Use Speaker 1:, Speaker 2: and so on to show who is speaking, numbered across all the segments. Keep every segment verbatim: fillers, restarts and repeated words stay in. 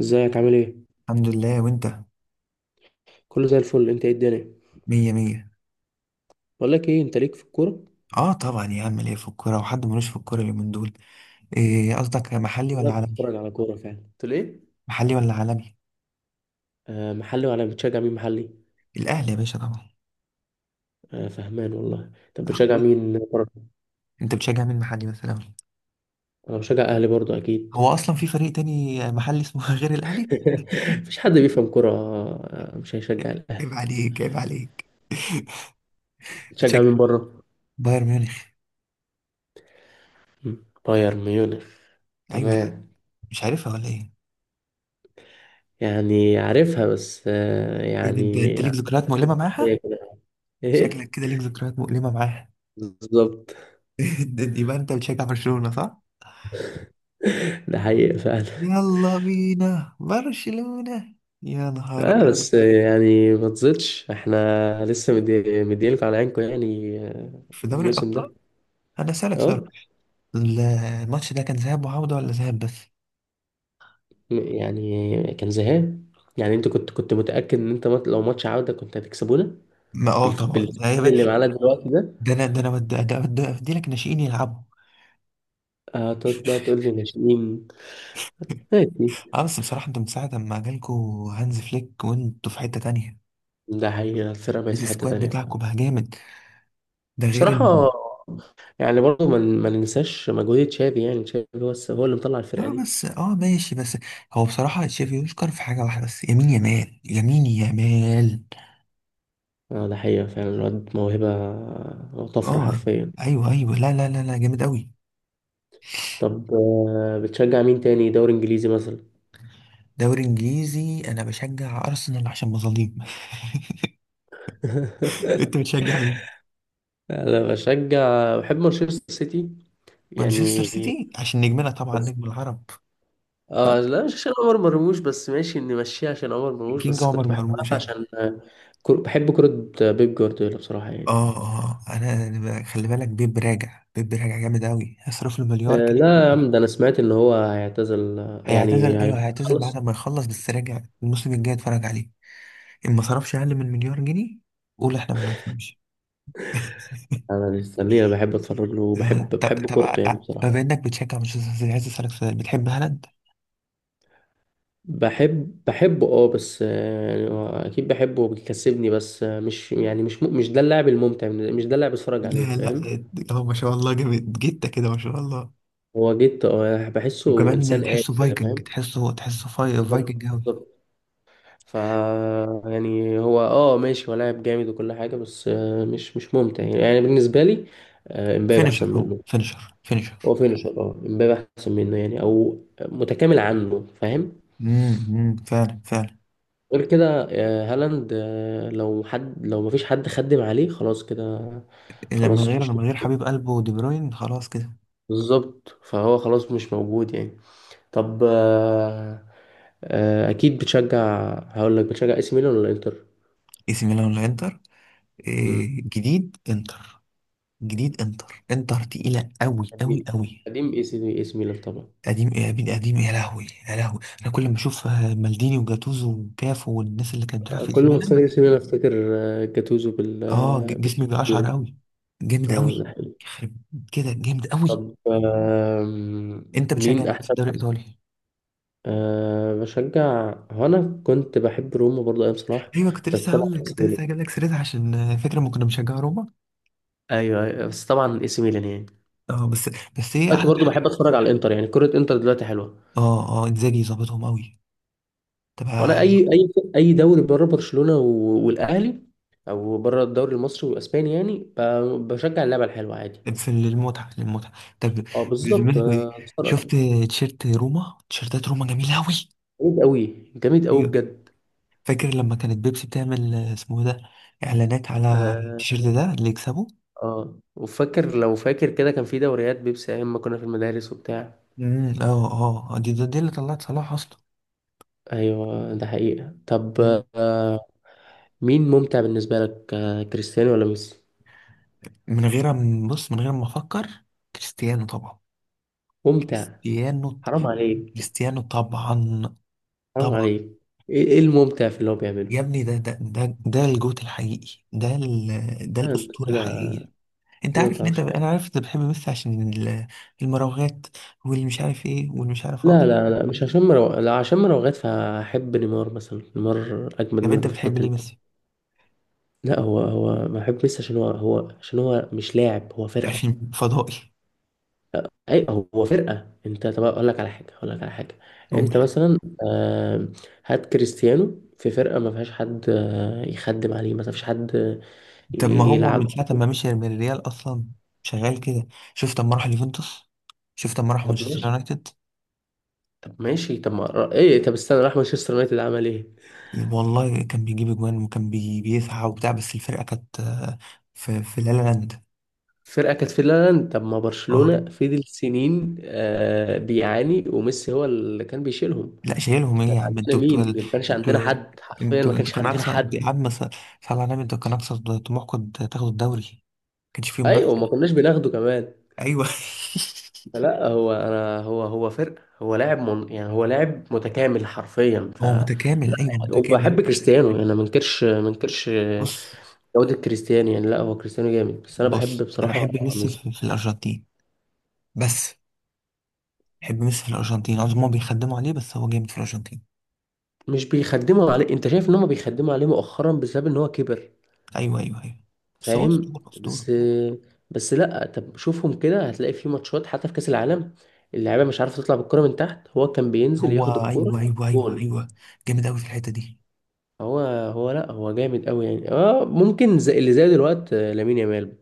Speaker 1: ازيك؟ عامل ايه؟
Speaker 2: الحمد لله وانت
Speaker 1: كله زي الفل. انت ايه الدنيا؟
Speaker 2: مية مية.
Speaker 1: بقول لك ايه، انت ليك في الكوره؟
Speaker 2: اه طبعا يا عم ليه في الكورة وحد ملوش في الكورة اليومين دول. ايه قصدك محلي
Speaker 1: لا،
Speaker 2: ولا عالمي؟
Speaker 1: بتتفرج على كوره فعلا؟ قلت له ايه؟
Speaker 2: محلي ولا عالمي.
Speaker 1: آه، محلي. ولا بتشجع مين محلي؟
Speaker 2: الاهلي يا باشا طبعا.
Speaker 1: آه، فهمان والله. طب بتشجع
Speaker 2: اخوي.
Speaker 1: مين بره؟
Speaker 2: انت بتشجع مين محلي مثلا؟
Speaker 1: انا بشجع اهلي برضو اكيد.
Speaker 2: هو اصلا في فريق تاني محلي اسمه غير الاهلي؟
Speaker 1: مفيش حد بيفهم كوره، آه، مش هيشجع
Speaker 2: عيب
Speaker 1: الاهلي.
Speaker 2: عليك عيب عليك.
Speaker 1: بتشجع
Speaker 2: بتشجع.
Speaker 1: مين بره؟
Speaker 2: بايرن ميونخ.
Speaker 1: مم، بايرن ميونخ.
Speaker 2: ايوه يا عم.
Speaker 1: تمام.
Speaker 2: مش عارفها ولا ايه؟
Speaker 1: يعني عارفها بس آه
Speaker 2: ايه ده انت
Speaker 1: يعني.
Speaker 2: انت ليك ذكريات مؤلمة معاها؟
Speaker 1: ايه؟
Speaker 2: شكلك كده ليك ذكريات مؤلمة معاها.
Speaker 1: بالظبط.
Speaker 2: يبقى انت بتشجع برشلونة صح؟
Speaker 1: ده حقيقة فعلا.
Speaker 2: يلا بينا برشلونة. يا نهار.
Speaker 1: اه، بس يعني ما تزيدش، احنا لسه مدي- مديلكوا على عينكم، يعني آه،
Speaker 2: في دوري
Speaker 1: الموسم
Speaker 2: الأبطال.
Speaker 1: ده.
Speaker 2: أنا أسألك سؤال.
Speaker 1: اه.
Speaker 2: ال- الماتش ده كان ذهاب وعودة ولا ذهاب بس؟
Speaker 1: م- يعني كان زهقان. يعني انت كنت كنت متأكد ان انت مات- لو ماتش عودة كنت هتكسبونا.
Speaker 2: ما اه
Speaker 1: بال-
Speaker 2: طبعا
Speaker 1: بال-
Speaker 2: ده يا
Speaker 1: اللي
Speaker 2: باشا-
Speaker 1: معانا دلوقتي ده.
Speaker 2: ده انا ده انا بد- ده ده افدي لك ناشئين يلعبوا.
Speaker 1: هتقعد بقى تقول لي ناشئين؟ ماشي.
Speaker 2: اه بس بصراحة انتوا من ساعة ما جالكوا هانز فليك وانتوا في حتة تانية.
Speaker 1: ده حقيقة، الفرقة بقت في حتة
Speaker 2: السكواد
Speaker 1: تانية فعلا.
Speaker 2: بتاعكم بقى جامد. ده غير ان.
Speaker 1: بصراحة. يعني برضه ما ن- ما ننساش مجهود تشافي، يعني تشافي هو الس- هو اللي مطلع الفرقة
Speaker 2: اه
Speaker 1: دي.
Speaker 2: بس اه ماشي بس. هو بصراحة تشافي يشكر في حاجة واحدة بس يمين يمال يمين يمال.
Speaker 1: اه ده حقيقة فعلا، الواد موهبة. وطفرة
Speaker 2: اه
Speaker 1: حرفيا.
Speaker 2: ايوه ايوه لا لا لا لا جامد قوي.
Speaker 1: طب، آه، بتشجع مين تاني؟ دوري انجليزي مثلا؟
Speaker 2: دوري انجليزي انا بشجع ارسنال عشان مظاليم. انت بتشجع مين؟
Speaker 1: انا بشجع، بحب مانشستر سيتي.
Speaker 2: مانشستر
Speaker 1: يعني.
Speaker 2: سيتي عشان نجمنا طبعا
Speaker 1: بس،
Speaker 2: نجم العرب. صح؟
Speaker 1: اه، لا مش عشان عمر مرموش، بس ماشي اني ماشيه عشان عمر مرموش،
Speaker 2: كينج
Speaker 1: بس
Speaker 2: عمر
Speaker 1: كنت بحبها
Speaker 2: مرموش.
Speaker 1: عشان آه، كر... بحب كرة آه، بيب جوارديولا بصراحة يعني.
Speaker 2: اه اه انا أنا ب- خلي بالك بيب راجع بيب راجع جامد قوي هيصرف له مليار
Speaker 1: آه
Speaker 2: كده.
Speaker 1: لا يا عم، ده انا سمعت ان هو هيعتزل آه، يعني
Speaker 2: هيعتزل ايوه هيعتزل بعد
Speaker 1: هيخلص.
Speaker 2: ما يخلص بس راجع الموسم الجاي اتفرج عليه ان ما صرفش اقل من مليار جنيه. قول احنا ما بنفهمش.
Speaker 1: انا مستنيه، انا بحب اتفرج له، وبحب
Speaker 2: طب
Speaker 1: بحب
Speaker 2: طب
Speaker 1: كورته يعني
Speaker 2: آه،
Speaker 1: بصراحة.
Speaker 2: بما انك بتشجع مانشستر سيتي عايز اسالك سؤال بتحب هالاند؟
Speaker 1: بحب بحبه اه. بس آه، يعني هو اكيد بحبه وبيكسبني، بس آه، مش يعني، مش م- مش ده اللاعب الممتع، مش ده اللاعب اتفرج عليه،
Speaker 2: لا لا
Speaker 1: فاهم؟
Speaker 2: هو ما شاء الله جامد جته كده ما شاء الله.
Speaker 1: هو جيت اه بحسه انسان
Speaker 2: وكمان
Speaker 1: آلي
Speaker 2: تحسه
Speaker 1: كده،
Speaker 2: فايكنج
Speaker 1: فاهم؟
Speaker 2: تحسه تحسه فاي فايكنج
Speaker 1: بالظبط
Speaker 2: قوي.
Speaker 1: بالظبط. ف... يعني هو اه ماشي، هو لاعب جامد وكل حاجه، بس آه، مش مش ممتع يعني, يعني بالنسبه لي. آه، امبابي
Speaker 2: فينيشر
Speaker 1: احسن
Speaker 2: هو
Speaker 1: منه.
Speaker 2: فينيشر فينيشر
Speaker 1: هو فينشر، اه امبابي احسن منه يعني، او متكامل عنه، فاهم؟
Speaker 2: امم امم، فعلا فعلا.
Speaker 1: غير كده آه، هالاند آه، لو حد لو مفيش حد خدم عليه خلاص كده.
Speaker 2: لما
Speaker 1: خلاص،
Speaker 2: غير
Speaker 1: مش...
Speaker 2: لما غير حبيب قلبه دي بروين خلاص كده.
Speaker 1: بالظبط، فهو خلاص مش موجود يعني. طب، آه، آه، اكيد بتشجع، هقول لك بتشجع اي سي ميلان ولا انتر؟
Speaker 2: اي سي ميلان ولا انتر؟
Speaker 1: مم.
Speaker 2: إيه جديد انتر؟ جديد انتر. انتر تقيله قوي قوي
Speaker 1: قديم.
Speaker 2: قوي.
Speaker 1: قديم، اي سي اي سي ميلان طبعا.
Speaker 2: قديم ايه يا بني؟ قديم ايه، يا لهوي يا لهوي انا كل ما اشوف آه، مالديني وجاتوزو وكافو والناس اللي كانت بتلعب
Speaker 1: آه،
Speaker 2: في اي
Speaker 1: كل
Speaker 2: سي
Speaker 1: ما افتكر
Speaker 2: ميلان.
Speaker 1: اي سي ميلان افتكر آه، جاتوزو بال
Speaker 2: اه
Speaker 1: آه،
Speaker 2: ج- جسمي بيقشعر
Speaker 1: بالتشكيله.
Speaker 2: قوي. جامد
Speaker 1: اه ده
Speaker 2: قوي.
Speaker 1: حلو.
Speaker 2: يخرب كده جامد قوي.
Speaker 1: طب، آه،
Speaker 2: انت بتشجع
Speaker 1: مين
Speaker 2: مين في
Speaker 1: احسن؟
Speaker 2: الدوري الايطالي؟
Speaker 1: أه، بشجع. هو أنا كنت بحب روما برضه أيام صلاح.
Speaker 2: ايوه كنت
Speaker 1: بس
Speaker 2: لسه
Speaker 1: طبعا
Speaker 2: هقول لك كنت
Speaker 1: ايه سي ميلان.
Speaker 2: لسه هجيب لك سيرتها عشان فكره ما كنا بنشجع روما.
Speaker 1: ايوه، أيوة، بس طبعا اي سي ميلان يعني.
Speaker 2: اه بس. بس ايه
Speaker 1: دلوقتي
Speaker 2: احلى
Speaker 1: برضه
Speaker 2: حاجه.
Speaker 1: بحب أتفرج على الإنتر، يعني كرة إنتر دلوقتي حلوة.
Speaker 2: اه اه انزاجي ظابطهم قوي. طب ه-.
Speaker 1: وأنا أي أي أي دوري بره برشلونة و- والأهلي، أو بره الدوري المصري والأسباني، يعني ب- بشجع اللعبة الحلوة عادي.
Speaker 2: في المتعه للمتعه. طب.
Speaker 1: أه بالظبط.
Speaker 2: بذمتك إيه؟
Speaker 1: آه، اتفرج.
Speaker 2: شفت. تيشيرت روما تيشيرتات روما جميله قوي.
Speaker 1: جامد أوي، جامد أوي
Speaker 2: ايوه.
Speaker 1: بجد.
Speaker 2: فاكر لما كانت بيبسي بتعمل آه، اسمه إيه ده اعلانات على
Speaker 1: أه.
Speaker 2: التيشيرت ده اللي يكسبه.
Speaker 1: اه وفاكر لو فاكر كده، كان في دوريات بيبسي ايام ما كنا في المدارس وبتاع.
Speaker 2: امم اه. اه دي دي دي اللي طلعت صلاح اصلا.
Speaker 1: ايوه، ده حقيقة. طب، آه مين ممتع بالنسبة لك، آه، كريستيانو ولا ميسي؟
Speaker 2: من غير ما- بص من غير ما افكر كريستيانو طبعا.
Speaker 1: ممتع؟
Speaker 2: كريستيانو.
Speaker 1: حرام عليك!
Speaker 2: كريستيانو طبعا.
Speaker 1: حرام
Speaker 2: طبعا.
Speaker 1: عليك! ايه إيه الممتع في اللي هو بيعمله؟
Speaker 2: يا ابني ده ده ده ده الجوت الحقيقي ده ال- ده
Speaker 1: آه، أنت
Speaker 2: الاسطوره
Speaker 1: كده.
Speaker 2: الحقيقيه. انت
Speaker 1: كده ما
Speaker 2: عارف ان انت
Speaker 1: تعرفش حاجة.
Speaker 2: انا عارف انت بتحب ميسي عشان ال- المراوغات واللي مش عارف ايه واللي مش عارف ايه.
Speaker 1: لا، لا، لا، مش عشان مرو... لا، عشان مراوغات. فاحب نيمار مثلا، نيمار اجمد
Speaker 2: طب انت
Speaker 1: منه في
Speaker 2: بتحب
Speaker 1: الحتة
Speaker 2: ليه
Speaker 1: دي.
Speaker 2: ميسي؟
Speaker 1: لا هو هو بحب ميسي عشان هو هو عشان هو مش لاعب، هو فرقة.
Speaker 2: عشان فضائي.
Speaker 1: اي. هو فرقة. انت طب اقول لك على حاجة اقول لك على حاجة. انت
Speaker 2: قول.
Speaker 1: مثلا، آه، هات كريستيانو في فرقة ما فيهاش حد آه، يخدم عليه، ما فيش حد آه،
Speaker 2: طب ما هو
Speaker 1: يلعب.
Speaker 2: من ساعه ما مشي من الريال اصلا شغال كده. شفت اما راح اليوفنتوس. شفت اما راح
Speaker 1: طب
Speaker 2: مانشستر
Speaker 1: ماشي.
Speaker 2: يونايتد.
Speaker 1: طب ماشي. طب ما ايه؟ طب استنى، راح مانشستر يونايتد عمل ايه؟
Speaker 2: والله كان بيجيب اجوان وكان بي... بيسعى وبتاع بس الفرقه كانت آه، في في لا لا لاند.
Speaker 1: فرقة كانت في اللاند. طب ما
Speaker 2: اه
Speaker 1: برشلونة فضل سنين آه بيعاني، وميسي هو اللي كان بيشيلهم.
Speaker 2: لا شايلهم ايه
Speaker 1: كان
Speaker 2: يا عم انتوا
Speaker 1: عندنا
Speaker 2: انتوا
Speaker 1: مين؟ ما كانش عندنا
Speaker 2: انتوا
Speaker 1: حد حرفيا، ما
Speaker 2: انتوا انتوا
Speaker 1: كانش
Speaker 2: كان
Speaker 1: عندنا
Speaker 2: اقصى
Speaker 1: حد.
Speaker 2: يا عم ص- صلى على النبي انتوا كان اقصى طموحكم تاخدوا الدوري ما كانش فيه
Speaker 1: ايوه وما
Speaker 2: منافسه.
Speaker 1: كناش بناخده كمان.
Speaker 2: ايوه.
Speaker 1: فلا هو انا هو هو فرق. هو لاعب من يعني هو لاعب متكامل حرفيا، ف...
Speaker 2: هو متكامل
Speaker 1: لا
Speaker 2: ايوه
Speaker 1: يعني
Speaker 2: متكامل.
Speaker 1: وبحب كريستيانو، يعني انا ما انكرش ما انكرش
Speaker 2: بص.
Speaker 1: جودة كريستيانو، يعني لا، هو كريستيانو جامد، بس انا بحب
Speaker 2: بص انا
Speaker 1: بصراحة
Speaker 2: احب ميسي في,
Speaker 1: ميسي.
Speaker 2: في الارجنتين بس. احب ميسي في الارجنتين عاوز هما بيخدموا عليه بس هو جامد في الارجنتين.
Speaker 1: مش بيخدموا عليه؟ انت شايف ان هم بيخدموا عليه مؤخرا بسبب ان هو كبر.
Speaker 2: ايوه ايوه ايوه بس هو
Speaker 1: فاهم؟
Speaker 2: اسطوره اسطوره.
Speaker 1: بس... بس لا، طب شوفهم كده هتلاقي في ماتشات حتى في كاس العالم، اللعيبه مش عارفه تطلع بالكره من تحت، هو كان بينزل
Speaker 2: هو
Speaker 1: ياخد الكره.
Speaker 2: ايوه ايوه ايوه
Speaker 1: جول.
Speaker 2: ايوه جامد قوي في الحته دي.
Speaker 1: هو هو لا هو جامد قوي يعني، اه ممكن زي اللي زي دلوقتي آه، لامين يامال.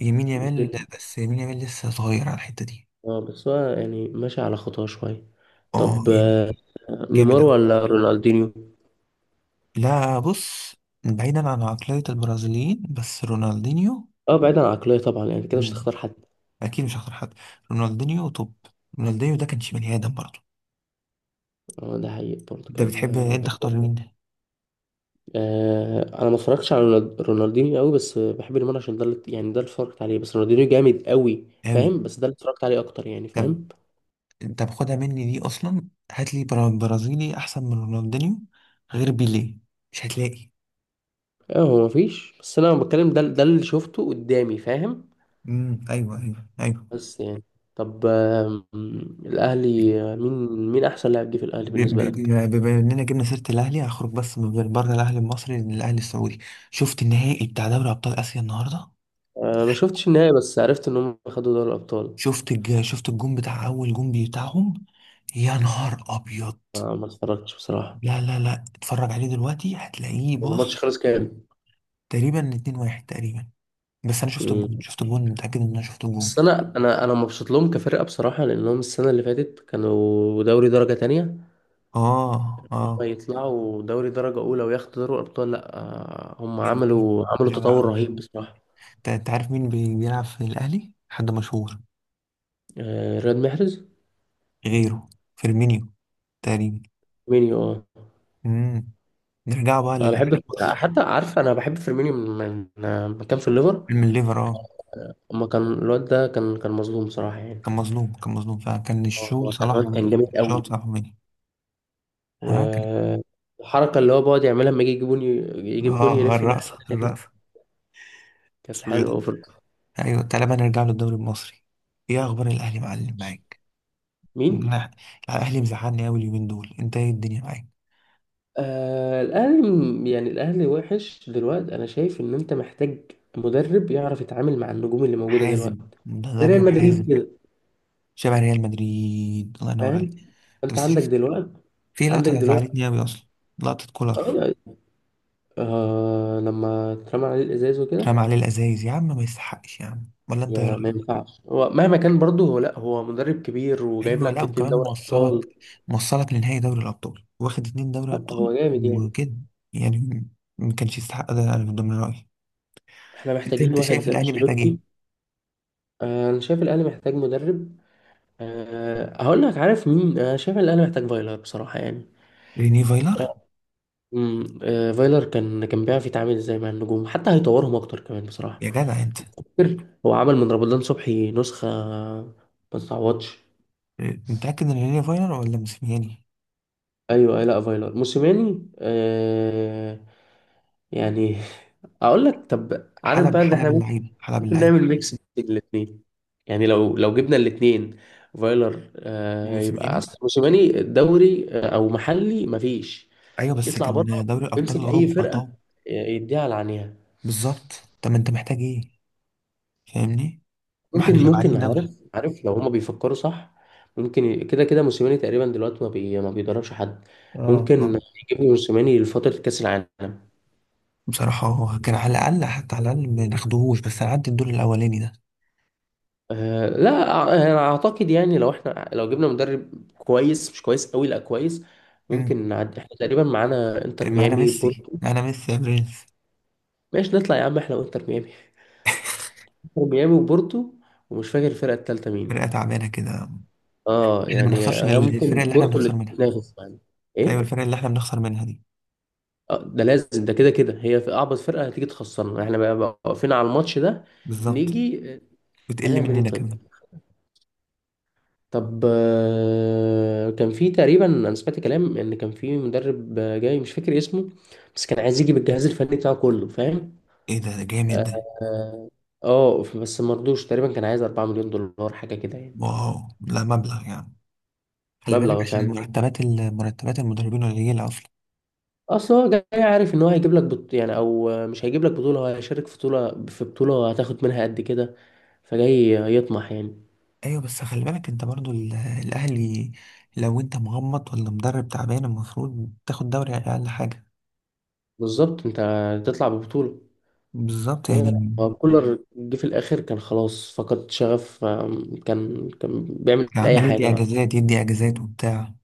Speaker 2: يمين يامال
Speaker 1: ممكن.
Speaker 2: بس يمين يامال لسه صغير على الحته دي.
Speaker 1: اه بس هو يعني ماشي على خطاه شويه.
Speaker 2: اه
Speaker 1: طب، آه،
Speaker 2: يعني. جامد
Speaker 1: نيمار
Speaker 2: قوي.
Speaker 1: ولا رونالدينيو؟
Speaker 2: لا بص. بعيدا عن عقليه البرازيليين بس رونالدينيو.
Speaker 1: اه بعيدا عن العقليه طبعا، يعني كده مش
Speaker 2: مم.
Speaker 1: تختار حد.
Speaker 2: اكيد مش هختار حد. رونالدينيو. طب. رونالدينيو ده كانش بني ادم برضه.
Speaker 1: اه ده حقيقي برضه
Speaker 2: انت
Speaker 1: كان.
Speaker 2: بتحب انت اختار مين.
Speaker 1: آه، انا ما اتفرجتش على رونالد- رونالدينيو قوي، بس بحب نيمار عشان ده اللي- يعني ده اللي اتفرجت عليه، بس رونالدينيو جامد قوي
Speaker 2: قوي.
Speaker 1: فاهم، بس ده اللي اتفرجت عليه اكتر يعني،
Speaker 2: طب
Speaker 1: فاهم؟
Speaker 2: طب. خدها مني دي اصلا هات لي برا- برازيلي احسن من رونالدينيو غير بيليه مش هتلاقي.
Speaker 1: اه هو مفيش، بس انا بتكلم ده ده اللي شفته قدامي، فاهم؟
Speaker 2: امم ايوه ايوه ايوه.
Speaker 1: بس يعني. طب، آم، الاهلي آه، مين، مين احسن لاعب جه في الاهلي
Speaker 2: ب- ب-
Speaker 1: بالنسبه لك؟
Speaker 2: ب- بما اننا جبنا سيره الاهلي هخرج بس من غير بره الاهلي المصري للاهلي السعودي. شفت النهائي بتاع دوري ابطال اسيا النهارده؟
Speaker 1: آه، ما شفتش النهائي، بس عرفت ان هم خدوا دوري الابطال.
Speaker 2: شفت الج... شفت الجون بتاع اول جون بتاعهم. يا نهار ابيض.
Speaker 1: آه، ما اتفرجتش بصراحه.
Speaker 2: لا لا لا اتفرج عليه دلوقتي هتلاقيه.
Speaker 1: الماتش
Speaker 2: بص.
Speaker 1: خلص كام؟
Speaker 2: تقريبا اتنين واحد تقريبا. بس انا شفت الجون
Speaker 1: مم.
Speaker 2: شفت الجون متاكد ان انا شفت الجون.
Speaker 1: بس انا انا انا مبسوط لهم كفرقه بصراحه، لانهم السنه اللي فاتت كانوا دوري درجه تانية،
Speaker 2: اه
Speaker 1: ما
Speaker 2: اه.
Speaker 1: يطلعوا دوري درجة أولى وياخدوا دوري الأبطال؟ لأ. آه، هم
Speaker 2: جميل.
Speaker 1: عملوا عملوا
Speaker 2: لا لا
Speaker 1: تطور رهيب
Speaker 2: جميل.
Speaker 1: بصراحة.
Speaker 2: انت أنت عارف مين بي- بيلعب في الاهلي حد مشهور
Speaker 1: آه، رياض محرز.
Speaker 2: غيره؟ فيرمينيو تقريبا.
Speaker 1: فيرمينيو اه.
Speaker 2: امم. نرجع بقى
Speaker 1: أنا
Speaker 2: للأهلي
Speaker 1: بحب،
Speaker 2: المصري.
Speaker 1: حتى عارف، أنا بحب فيرمينيو من من آه، من كان في الليفر.
Speaker 2: من الليفر اه.
Speaker 1: أما كان الواد ده، كان كان مظلوم صراحة يعني.
Speaker 2: كان مظلوم كان مظلوم فعلا كان
Speaker 1: آه،
Speaker 2: الشغل
Speaker 1: هو كان
Speaker 2: صلاح
Speaker 1: الواد كان
Speaker 2: ومين
Speaker 1: جامد قوي.
Speaker 2: الشغل صلاح ومين. ها كان.
Speaker 1: والحركة اللي هو بيقعد يعملها لما يجي يجيب جون، يجيب جون
Speaker 2: اه
Speaker 1: يلف الناحية
Speaker 2: الرقصة
Speaker 1: التانية دي.
Speaker 2: الرقصة.
Speaker 1: كانت
Speaker 2: اسمه ايه
Speaker 1: حلوة
Speaker 2: ده.
Speaker 1: أوي، في...
Speaker 2: ايوه تعالى بقى نرجع للدوري المصري. ايه اخبار الأهلي معلم معاك؟
Speaker 1: مين؟
Speaker 2: لا. الأهلي مزعلني أوي اليومين دول انت ايه الدنيا معاك؟
Speaker 1: آه الأهلي م- يعني الأهلي وحش دلوقتي، أنا شايف إن أنت محتاج مدرب يعرف يتعامل مع النجوم اللي موجودة دلوقتي،
Speaker 2: حازم.
Speaker 1: زي ريال
Speaker 2: مدرب
Speaker 1: مدريد
Speaker 2: حازم.
Speaker 1: كده.
Speaker 2: شبه ريال مدريد الله ينور عليك.
Speaker 1: فاهم؟
Speaker 2: انت
Speaker 1: أنت
Speaker 2: بس
Speaker 1: عندك
Speaker 2: شفت
Speaker 1: دلوقتي،
Speaker 2: في
Speaker 1: عندك
Speaker 2: لقطة
Speaker 1: دلوقتي
Speaker 2: زعلتني أوي أصلا. لقطة كولر.
Speaker 1: آه آه، آه، لما اترمى عليه الإزاز وكده.
Speaker 2: رمى عليه الأزايز يا عم ما يستحقش يا عم ولا انت ايه
Speaker 1: ما, ما
Speaker 2: رأيك؟
Speaker 1: ينفعش، هو مهما كان برضه هو لأ، هو مدرب كبير وجايب
Speaker 2: ايوه لا
Speaker 1: لك اتنين
Speaker 2: وكمان
Speaker 1: دوري
Speaker 2: موصلك
Speaker 1: أبطال.
Speaker 2: موصلك لنهائي دوري الابطال واخد اتنين دوري
Speaker 1: لأ هو
Speaker 2: ابطال.
Speaker 1: جامد يعني.
Speaker 2: وكده يعني. ما كانش يستحق ده انا من ضمن رايي.
Speaker 1: إحنا
Speaker 2: انت
Speaker 1: محتاجين
Speaker 2: انت
Speaker 1: واحد
Speaker 2: شايف
Speaker 1: زي
Speaker 2: الاهلي محتاج ايه؟
Speaker 1: أنشيلوتي. آه، أنا شايف الأهلي محتاج مدرب. أه هقول لك، عارف مين أنا شايف الأهلي محتاج؟ فايلر بصراحة يعني.
Speaker 2: ريني فايلر.
Speaker 1: امم آه، فايلر كان كان بيعرف يتعامل ازاي مع النجوم، حتى هيطورهم اكتر كمان بصراحه.
Speaker 2: يا جدع انت.
Speaker 1: فاكر هو عمل من رمضان صبحي نسخه؟ ما تتعوضش.
Speaker 2: انت متاكد ان ريني فايلر ولا موسيماني؟
Speaker 1: ايوه، أيوة. لا فايلر، موسيماني آه يعني. اقول لك طب، عارف
Speaker 2: حلب
Speaker 1: بقى ان
Speaker 2: حلب
Speaker 1: احنا
Speaker 2: اللعيبه حلب
Speaker 1: ممكن
Speaker 2: اللعيبه.
Speaker 1: نعمل ميكس بين الاثنين. يعني لو لو جبنا الاثنين، فايلر آه يبقى
Speaker 2: وموسيماني.
Speaker 1: اصل، موسيماني دوري آه، او محلي مفيش،
Speaker 2: ايوه بس
Speaker 1: يطلع بره،
Speaker 2: كان دوري ابطال
Speaker 1: يمسك اي
Speaker 2: اوروبا.
Speaker 1: فرقه،
Speaker 2: طب.
Speaker 1: آه، يديها على عينيها.
Speaker 2: بالظبط. طب ما انت محتاج ايه؟ فاهمني؟ ما احنا
Speaker 1: ممكن ممكن،
Speaker 2: شبعانين
Speaker 1: عارف
Speaker 2: دوري.
Speaker 1: عارف لو هما بيفكروا صح، ممكن ي- كده كده، موسيماني تقريبا دلوقتي ما بي ما بيدربش حد.
Speaker 2: اه اه.
Speaker 1: ممكن يجيبوا موسيماني لفترة كأس العالم.
Speaker 2: بصراحه هو كان على الاقل حتى على الاقل ما ناخدوهوش بس نعدي الدور الاولاني ده.
Speaker 1: أه لا، أع- انا اعتقد يعني لو احنا لو جبنا مدرب كويس، مش كويس قوي، لا كويس.
Speaker 2: مم.
Speaker 1: ممكن نعدي، احنا تقريبا معانا انتر
Speaker 2: معانا
Speaker 1: ميامي،
Speaker 2: ميسي
Speaker 1: بورتو.
Speaker 2: معانا ميسي يا برنس.
Speaker 1: ماشي نطلع يا عم احنا وانتر ميامي. انتر ميامي وبورتو. ومش فاكر الفرقة التالتة مين.
Speaker 2: فرقة تعبانة كده.
Speaker 1: اه
Speaker 2: احنا ما
Speaker 1: يعني
Speaker 2: نخسرش من
Speaker 1: هي
Speaker 2: الفرق
Speaker 1: ممكن
Speaker 2: اللي احنا
Speaker 1: بورتو
Speaker 2: بنخسر
Speaker 1: اللي
Speaker 2: منها.
Speaker 1: تنافس يعني.
Speaker 2: ايوه
Speaker 1: ايه؟
Speaker 2: الفرق اللي احنا بنخسر منها دي.
Speaker 1: آه، ده لازم، ده كده كده هي، في اعبط فرقه هتيجي تخسرنا احنا بقى، بقى واقفين على الماتش ده.
Speaker 2: بالظبط.
Speaker 1: نيجي آه،
Speaker 2: بتقل
Speaker 1: هنعمل ايه
Speaker 2: مننا
Speaker 1: طيب؟
Speaker 2: كمان.
Speaker 1: طب، آه، كان في تقريبا، انا سمعت كلام ان كان في مدرب آه، جاي، مش فاكر اسمه. بس كان عايز يجي بالجهاز الفني بتاعه كله، فاهم؟
Speaker 2: ايه ده ده جامد
Speaker 1: اه.
Speaker 2: ده.
Speaker 1: آه، آه، بس ما رضوش. تقريبا كان عايز أربعة مليون دولار حاجه كده يعني.
Speaker 2: واو لا مبلغ يعني. خلي بالك
Speaker 1: مبلغ
Speaker 2: عشان
Speaker 1: فعلا.
Speaker 2: مرتبات ال- مرتبات المدربين قليلة اصلا.
Speaker 1: اصل هو جاي عارف ان هو هيجيب لك بط... يعني، او آه، مش هيجيب لك بطوله، هو هيشارك في بطوله في بطوله هتاخد منها قد كده. فجاي يطمح يعني.
Speaker 2: ايوه بس خلي بالك انت برضو ال- الاهلي. لو انت مغمض ولا مدرب تعبان المفروض تاخد دوري اقل حاجة.
Speaker 1: بالظبط. انت تطلع ببطولة.
Speaker 2: بالظبط
Speaker 1: انما لا،
Speaker 2: يعني.
Speaker 1: هو كولر جه في الاخر كان خلاص فقد شغف، آم، كان كان بيعمل اي
Speaker 2: عمال
Speaker 1: حاجة
Speaker 2: يدي
Speaker 1: بقى.
Speaker 2: اجازات يدي اجازات وبتاع.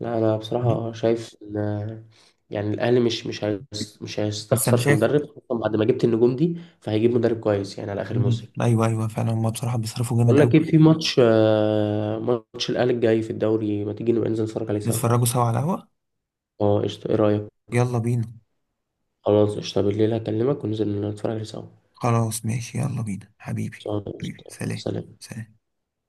Speaker 1: لا انا
Speaker 2: مم.
Speaker 1: بصراحة شايف ان آه، يعني الاهلي مش مش هيس- مش
Speaker 2: بس انا
Speaker 1: هيستخسر في
Speaker 2: شايف.
Speaker 1: مدرب، خصوصا بعد ما جبت النجوم دي، فهيجيب مدرب كويس يعني على اخر
Speaker 2: مم.
Speaker 1: الموسم.
Speaker 2: ايوه ايوه فعلا هما بصراحة بيصرفوا جامد
Speaker 1: بقول
Speaker 2: اوي.
Speaker 1: لك ايه، في ماتش آه، ماتش الاهلي الجاي في الدوري، ما تيجي نبقى ننزل نتفرج عليه سوا؟
Speaker 2: نتفرجوا سوا على القهوة.
Speaker 1: اه قشطة. ايه رأيك؟
Speaker 2: يلا بينا.
Speaker 1: خلاص قشطة، بالليل هكلمك وننزل نتفرج عليه سوا.
Speaker 2: خلاص ماشي يلا بينا حبيبي.
Speaker 1: خلاص،
Speaker 2: حبيبي
Speaker 1: قشطة،
Speaker 2: سلام.
Speaker 1: سلام.
Speaker 2: سلام.